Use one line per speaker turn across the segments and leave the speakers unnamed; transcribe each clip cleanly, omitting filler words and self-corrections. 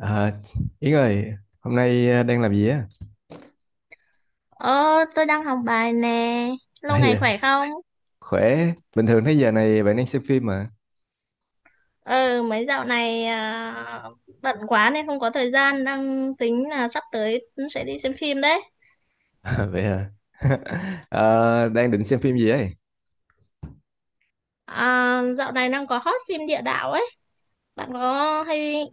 À, Yến ơi, hôm nay đang làm gì á?
Ờ, tôi đang học bài nè. Lâu
Đây,
ngày
à,
khỏe không?
khỏe. Bình thường thấy giờ này bạn đang xem phim mà.
Ừ, mấy dạo này bận quá nên không có thời gian. Đang tính là sắp tới sẽ đi xem phim đấy.
À, vậy à? Ờ, đang định xem phim gì ấy?
À, dạo này đang có hot phim địa đạo ấy. Bạn có hay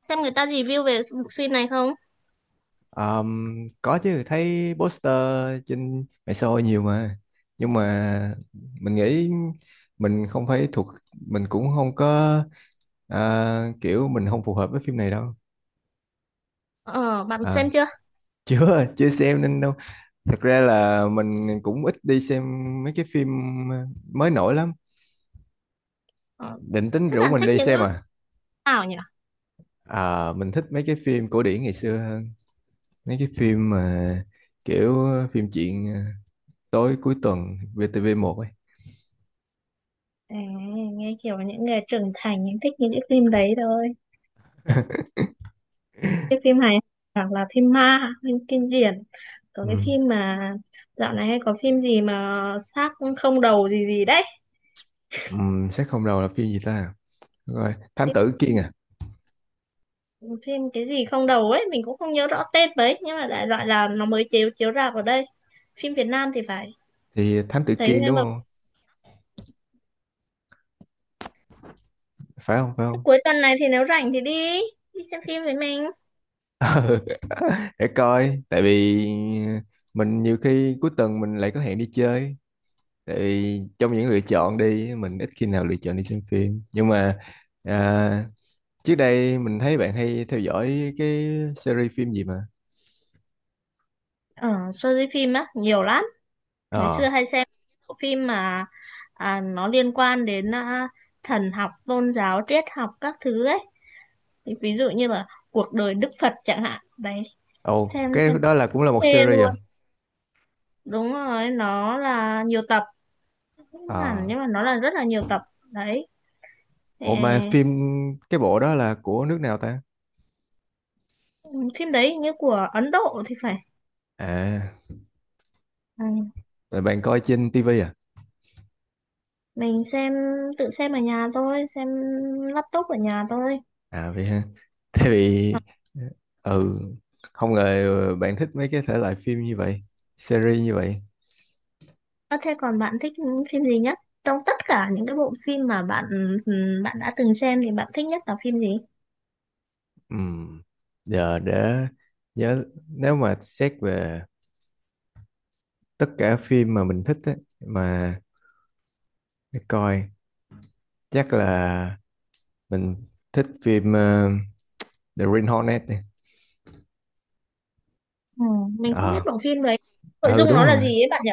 xem người ta review về bộ phim này không?
Ờm, có chứ, thấy poster trên mạng xã hội nhiều mà. Nhưng mà mình nghĩ mình không phải thuộc, mình cũng không có kiểu mình không phù hợp với phim này đâu.
Ờ, bạn
À,
xem chưa?
chưa, chưa xem nên đâu. Thật ra là mình cũng ít đi xem mấy cái phim ờ, mới nổi lắm
Ờ,
định tính
thế
rủ
bạn
mình
thích
đi
những cái
xem
phim
à
nào nhỉ?
à mình thích mấy cái phim cổ điển ngày xưa hơn mấy cái phim mà kiểu phim chuyện tối cuối tuần vtv một ấy
À, nghe kiểu những người trưởng thành những thích những cái phim đấy thôi. Cái phim hài hoặc là phim ma, phim kinh điển. Có
ừ.
cái phim mà dạo này hay có phim gì mà xác không đầu gì gì đấy.
Ừ, xét không đầu là phim gì ta. Đúng rồi, Thám tử Kiên à,
Cái phim cái gì không đầu ấy mình cũng không nhớ rõ tên mấy, nhưng mà đại loại là nó mới chiếu chiếu rạp ở đây, phim Việt Nam thì phải.
thì Thám tử
Thấy
Kiên
nghe
đúng
bảo
không, phải không phải
thế.
không?
Cuối tuần này thì nếu rảnh thì đi đi xem phim với mình.
Để coi tại vì à, mình nhiều khi cuối tuần mình lại có hẹn đi chơi, tại vì trong những lựa chọn đi mình ít khi nào lựa chọn đi xem phim. Nhưng mà à, trước đây mình thấy bạn hay theo dõi cái series phim gì mà.
Ở show đi phim á nhiều lắm. Ngày xưa
Ờ,
hay xem bộ phim mà nó liên quan đến thần học, tôn giáo, triết học các thứ ấy. Thì ví dụ như là cuộc đời Đức Phật chẳng hạn đấy.
ồ,
xem
cái
xem
đó là cũng là
phê
một series
luôn.
à?
Đúng rồi, nó là nhiều tập. Không hẳn,
Ờ,
nhưng mà nó là rất là nhiều tập đấy. Ờ,
ồ mà phim cái bộ đó là của nước nào ta?
phim đấy như của Ấn Độ thì phải.
À,
Ừ,
là bạn coi trên tivi à?
mình xem, tự xem ở nhà thôi, xem laptop ở nhà thôi.
À vậy ha. Thế vì ừ, không ngờ bạn thích mấy cái thể loại phim như vậy, series như vậy.
Ờ, thế còn bạn thích phim gì nhất trong tất cả những cái bộ phim mà bạn, ừ, bạn đã từng xem thì bạn thích nhất là phim gì?
Ừm, Giờ để nhớ nếu mà xét về tất cả phim mà mình thích á, mà để coi chắc là mình thích phim The Green Hornet này.
Ừ, mình không biết
Ờ,
bộ phim đấy. Nội
ừ
dung
đúng
nó là
rồi.
gì ấy bạn nhỉ?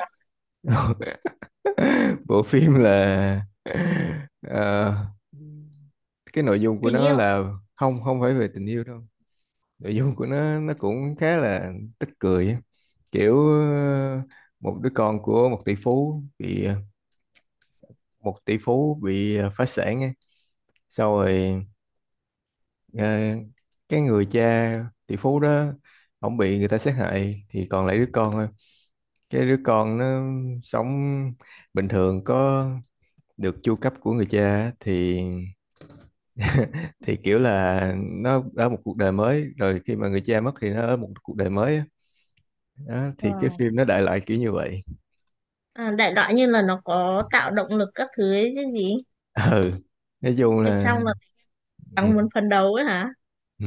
Bộ phim là ờ, cái nội dung của
Tình
nó
yêu.
là không không phải về tình yêu đâu. Nội dung của nó cũng khá là tức cười á. Kiểu một đứa con của một tỷ phú bị phá sản á. Sau rồi ờ, cái người cha tỷ phú đó ổng bị người ta sát hại thì còn lại đứa con, cái đứa con nó sống bình thường có được chu cấp của người cha á, thì thì kiểu là nó ở một cuộc đời mới rồi khi mà người cha mất thì nó ở một cuộc đời mới á. Đó,
Ờ.
thì cái phim nó đại loại kiểu như vậy.
À, đại loại như là nó có tạo động lực các thứ ấy chứ gì?
Ừ, nói chung
Em
là
xong là
ừ,
càng muốn phấn đấu ấy hả?
ừ.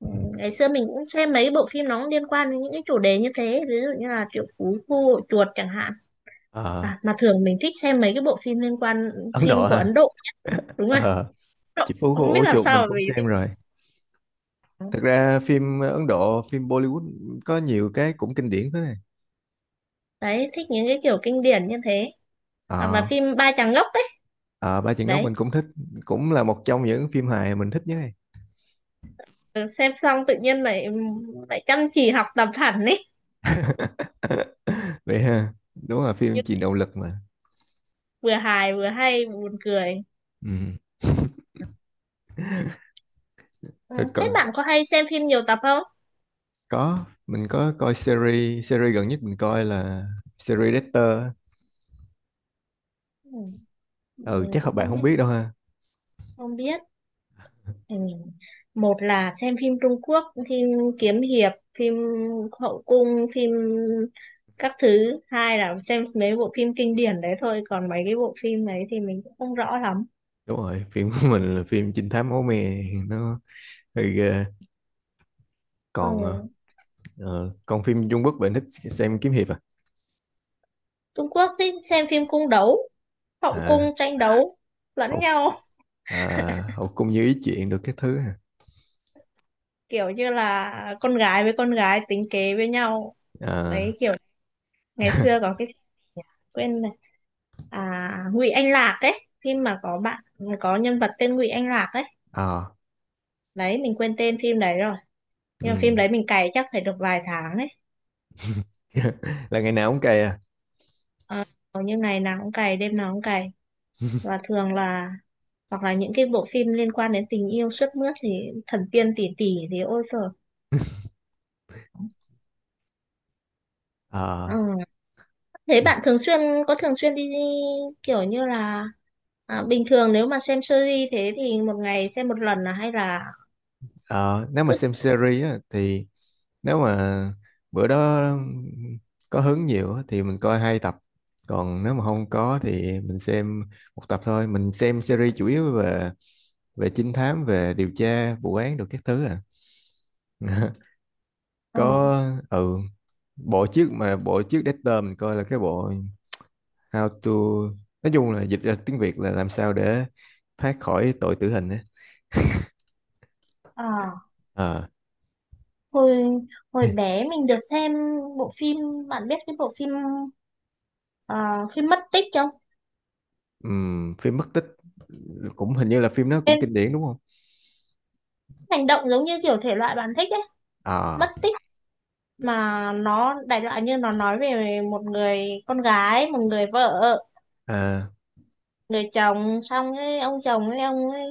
Ừ, ngày xưa mình cũng xem mấy bộ phim nó cũng liên quan đến những cái chủ đề như thế, ví dụ như là Triệu Phú Khu Hội Chuột chẳng hạn.
Ờ,
À, mà thường mình thích xem mấy cái bộ phim liên quan
Ấn
phim
Độ
của
ha.
Ấn Độ. Đúng rồi, Ấn
Ờ,
Độ.
Chị Phú Cô
Không biết
Ổ
làm
Chuột
sao
mình
mà
cũng
mình
xem
thích.
rồi, thật ra phim Ấn Độ, phim Bollywood có nhiều cái cũng kinh điển thế này.
Đấy, thích những cái kiểu kinh điển như thế, hoặc
Ờ.
là phim Ba Chàng Ngốc ấy.
Ờ, Ba Chân Ngốc
Đấy.
mình cũng thích, cũng là một trong những phim hài mình thích nhất.
Ừ, xem xong tự nhiên lại lại chăm chỉ học tập hẳn ấy.
Vậy ha, đúng là phim
Nhưng
truyền động lực mà
vừa hài vừa hay, buồn cười.
ừ.
Ừ,
Rồi Có,
thế bạn có hay xem phim nhiều tập không?
có mình có coi series, series gần nhất mình coi là series Dexter.
Ừ,
Ừ
mình
chắc các
cũng
bạn
không
không
biết,
biết đâu ha.
không biết. Ừ. Một là xem phim Trung Quốc, phim kiếm hiệp, phim hậu cung, phim các thứ. Hai là xem mấy bộ phim kinh điển đấy thôi. Còn mấy cái bộ phim đấy thì mình cũng không rõ lắm.
Đúng rồi phim của mình là phim trinh thám máu me nó hơi ghê.
Ừ.
Còn còn phim Trung Quốc bạn thích xem kiếm hiệp à,
Trung Quốc thì xem phim cung đấu, hậu
à
cung tranh đấu lẫn
hậu
nhau.
à, hậu cung như ý chuyện được cái thứ à,
Kiểu như là con gái với con gái tính kế với nhau.
à,
Đấy, kiểu ngày xưa có cái quên này, à, Ngụy Anh Lạc ấy, phim mà có bạn, có nhân vật tên Ngụy Anh Lạc ấy.
à
Đấy, mình quên tên phim đấy rồi,
ừ.
nhưng mà phim đấy mình cày chắc phải được vài tháng đấy.
Là ngày nào cũng cày à?
Ờ, hầu như ngày nào cũng cày, đêm nào cũng cày. Và thường là hoặc là những cái bộ phim liên quan đến tình yêu sướt mướt thì thần tiên tỷ tỷ thì ôi trời.
Ờ,
Ừ. Thế bạn thường xuyên có thường xuyên đi kiểu như là, à, bình thường nếu mà xem series thế thì một ngày xem một lần là hay là
ờ, nếu mà
cứ.
xem series á, thì nếu mà bữa đó có hứng nhiều á, thì mình coi hai tập, còn nếu mà không có thì mình xem một tập thôi. Mình xem series chủ yếu về về trinh thám, về điều tra vụ án được các thứ à.
Ờ.
Có ừ, bộ trước mà bộ trước Dexter mình coi là cái bộ How to, nói chung là dịch ra tiếng Việt là làm sao để thoát khỏi tội tử hình á.
Ờ,
Ờ.
hồi hồi bé mình được xem bộ phim, bạn biết cái bộ phim ờ, phim mất tích không?
Phim mất tích cũng hình như là phim nó cũng
Cái
kinh điển đúng không?
hành động giống như kiểu thể loại bạn thích ấy, mất
À,
tích, mà nó đại loại như nó nói về một người con gái, một người vợ,
à,
người chồng, xong ấy, ông chồng ấy, ông ấy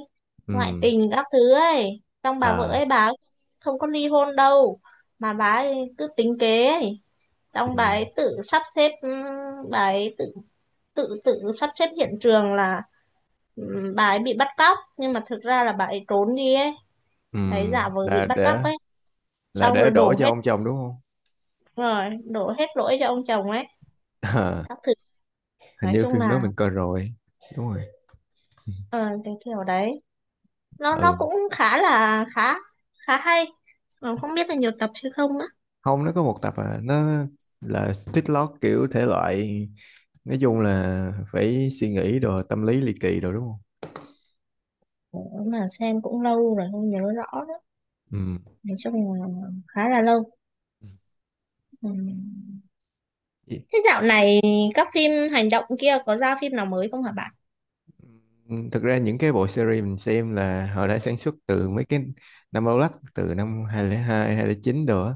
ngoại
ừm,
tình các thứ ấy. Xong bà vợ
à,
ấy bà ấy không có ly hôn đâu, mà bà ấy cứ tính kế ấy. Xong bà
ừm,
ấy tự sắp xếp, ừ, bà ấy tự tự tự sắp xếp hiện trường là, ừ, bà ấy bị bắt cóc nhưng mà thực ra là bà ấy trốn đi ấy, bà ấy giả
ừm,
vờ bị
là
bắt cóc
để
ấy,
là
xong
để đổ cho ông chồng đúng không?
rồi đổ hết lỗi cho ông chồng ấy,
À,
các thứ.
hình
Nói
như
chung
phim đó
là,
mình coi rồi, đúng rồi.
ờ, cái kiểu đấy nó
Ừ,
cũng khá khá hay. Ờ, không biết là nhiều tập hay không nữa.
không nó có một tập à, nó là split lock kiểu thể loại, nói chung là phải suy nghĩ đồ tâm lý ly kỳ đồ đúng không?
Ủa, mà xem cũng lâu rồi không nhớ rõ nữa.
Ừm.
Nói chung là khá là lâu. Ừ. Thế dạo này các phim hành động kia có ra phim nào mới không hả bạn?
Thực ra những cái bộ series mình xem là họ đã sản xuất từ mấy cái năm lâu lắc, từ năm 2002, 2009 đồ á,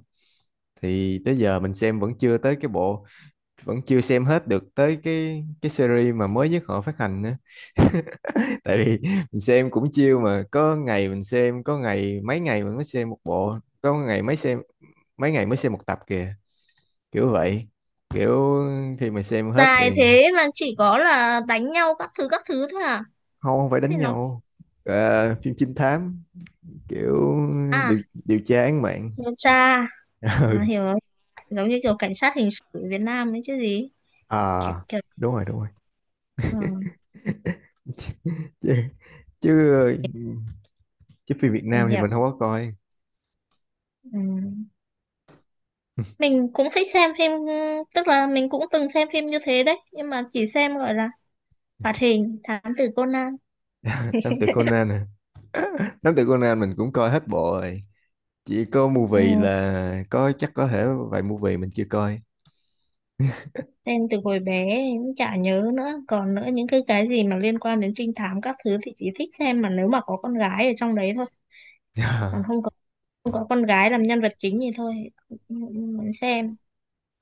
thì tới giờ mình xem vẫn chưa tới cái bộ, vẫn chưa xem hết được tới cái series mà mới nhất họ phát hành nữa. Tại vì mình xem cũng chiêu mà, có ngày mình xem, có ngày mấy ngày mình mới xem một bộ, có ngày mấy xem mấy ngày mới xem một tập kìa, kiểu vậy, kiểu khi mà xem hết
Dài
thì
thế mà chỉ có là đánh nhau các thứ thôi à?
không không phải đánh
Thế nó,
nhau. Ờ, phim trinh thám kiểu
à,
điều điều tra án mạng.
điều tra. À,
Ừ
hiểu rồi. Giống như kiểu cảnh sát hình sự ở Việt Nam đấy chứ gì?
à
Kiểu, kiểu,
đúng rồi đúng rồi,
ừ,
chứ chứ chứ phim Việt
mình
Nam thì
hiểu.
mình không có coi.
Ừ. Mình cũng thích xem phim, tức là mình cũng từng xem phim như thế đấy, nhưng mà chỉ xem gọi là hoạt hình Thám tử Conan.
Nam tử Conan nè, Thám tử Conan mình cũng coi hết bộ rồi. Chỉ có movie
Ừ.
là có chắc có thể vài movie mình chưa coi.
Xem từ hồi bé cũng chả nhớ nữa. Còn nữa những cái gì mà liên quan đến trinh thám các thứ thì chỉ thích xem mà nếu mà có con gái ở trong đấy thôi. Còn không có, không có con gái làm nhân vật chính thì thôi, không không muốn xem.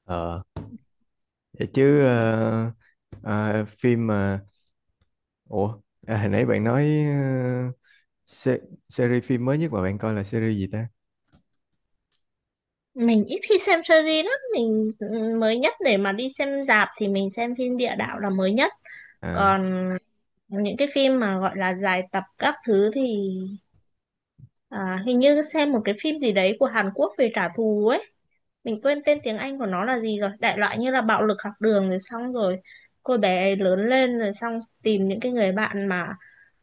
Ờ. Vậy chứ ờ, ờ, phim mà ủa à, hồi nãy bạn nói se series phim mới nhất mà bạn coi là series gì ta?
Mình ít khi xem series lắm, mình, ừ, mới nhất để mà đi xem rạp thì mình xem phim địa đạo là mới nhất.
À
Còn những cái phim mà gọi là dài tập các thứ thì, à, hình như xem một cái phim gì đấy của Hàn Quốc về trả thù ấy. Mình quên tên tiếng Anh của nó là gì rồi, đại loại như là bạo lực học đường, rồi xong rồi cô bé ấy lớn lên rồi xong tìm những cái người bạn mà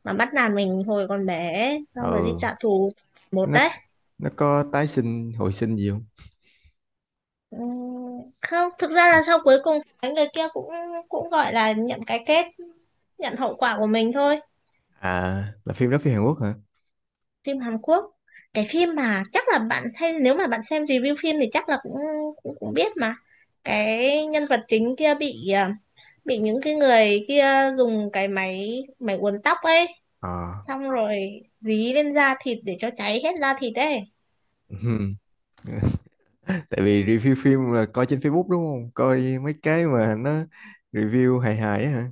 bắt nạt mình hồi còn bé ấy, xong rồi đi
ừ
trả thù. Một
nó
đấy.
nó có tái sinh hồi sinh gì không?
Ừm, không, thực ra
À
là sau cuối cùng cái người kia cũng cũng gọi là nhận cái kết, nhận hậu quả của mình thôi.
à, là phim đó phim Hàn Quốc hả?
Phim Hàn Quốc. Cái phim mà chắc là bạn xem, nếu mà bạn xem review phim thì chắc là cũng cũng, cũng biết mà. Cái nhân vật chính kia bị, à, bị những cái người kia dùng cái máy máy uốn tóc ấy,
Ờ.
xong rồi dí lên da thịt để cho cháy hết da thịt ấy.
Ừm. Tại vì review phim là coi trên Facebook đúng không? Coi mấy cái mà nó review hài hài á hả?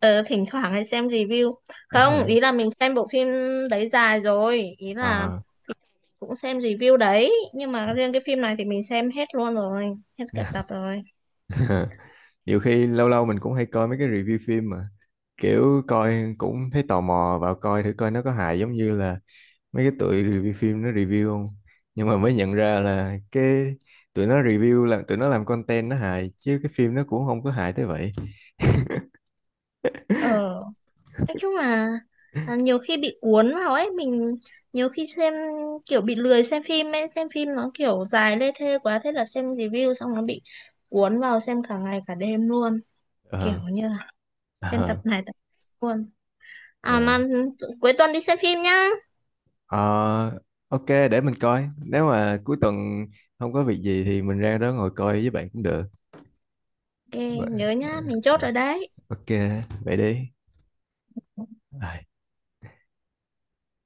Ờ, thỉnh thoảng hay xem review. Không,
Ờ,
ý là mình xem bộ phim đấy dài rồi, ý là
ờ.
cũng xem review đấy, nhưng mà riêng cái phim này thì mình xem hết luôn rồi, hết cả tập rồi.
Nhiều khi lâu lâu mình cũng hay coi mấy cái review phim mà kiểu coi cũng thấy tò mò vào coi thử coi nó có hài giống như là mấy cái tụi review phim nó review không, nhưng mà mới nhận ra là cái tụi nó review là tụi nó làm content nó hài chứ cái phim nó cũng không có hài tới vậy.
Ờ, nói chung là nhiều khi bị cuốn vào ấy. Mình nhiều khi xem kiểu bị lười xem phim ấy, xem phim nó kiểu dài lê thê quá, thế là xem review xong nó bị cuốn vào xem cả ngày cả đêm luôn.
Ờ
Kiểu như là xem
ờ
tập này tập khác luôn. À
ờ.
mà, ừ, cuối tuần đi xem phim nhá.
Ờ, ok để mình coi nếu mà cuối tuần không có việc gì thì mình ra đó ngồi coi với bạn cũng được.
Ok.
Vậy-
Nhớ
ờ,
nhá, mình chốt
ờ,
rồi đấy.
ok vậy đi. Ờ.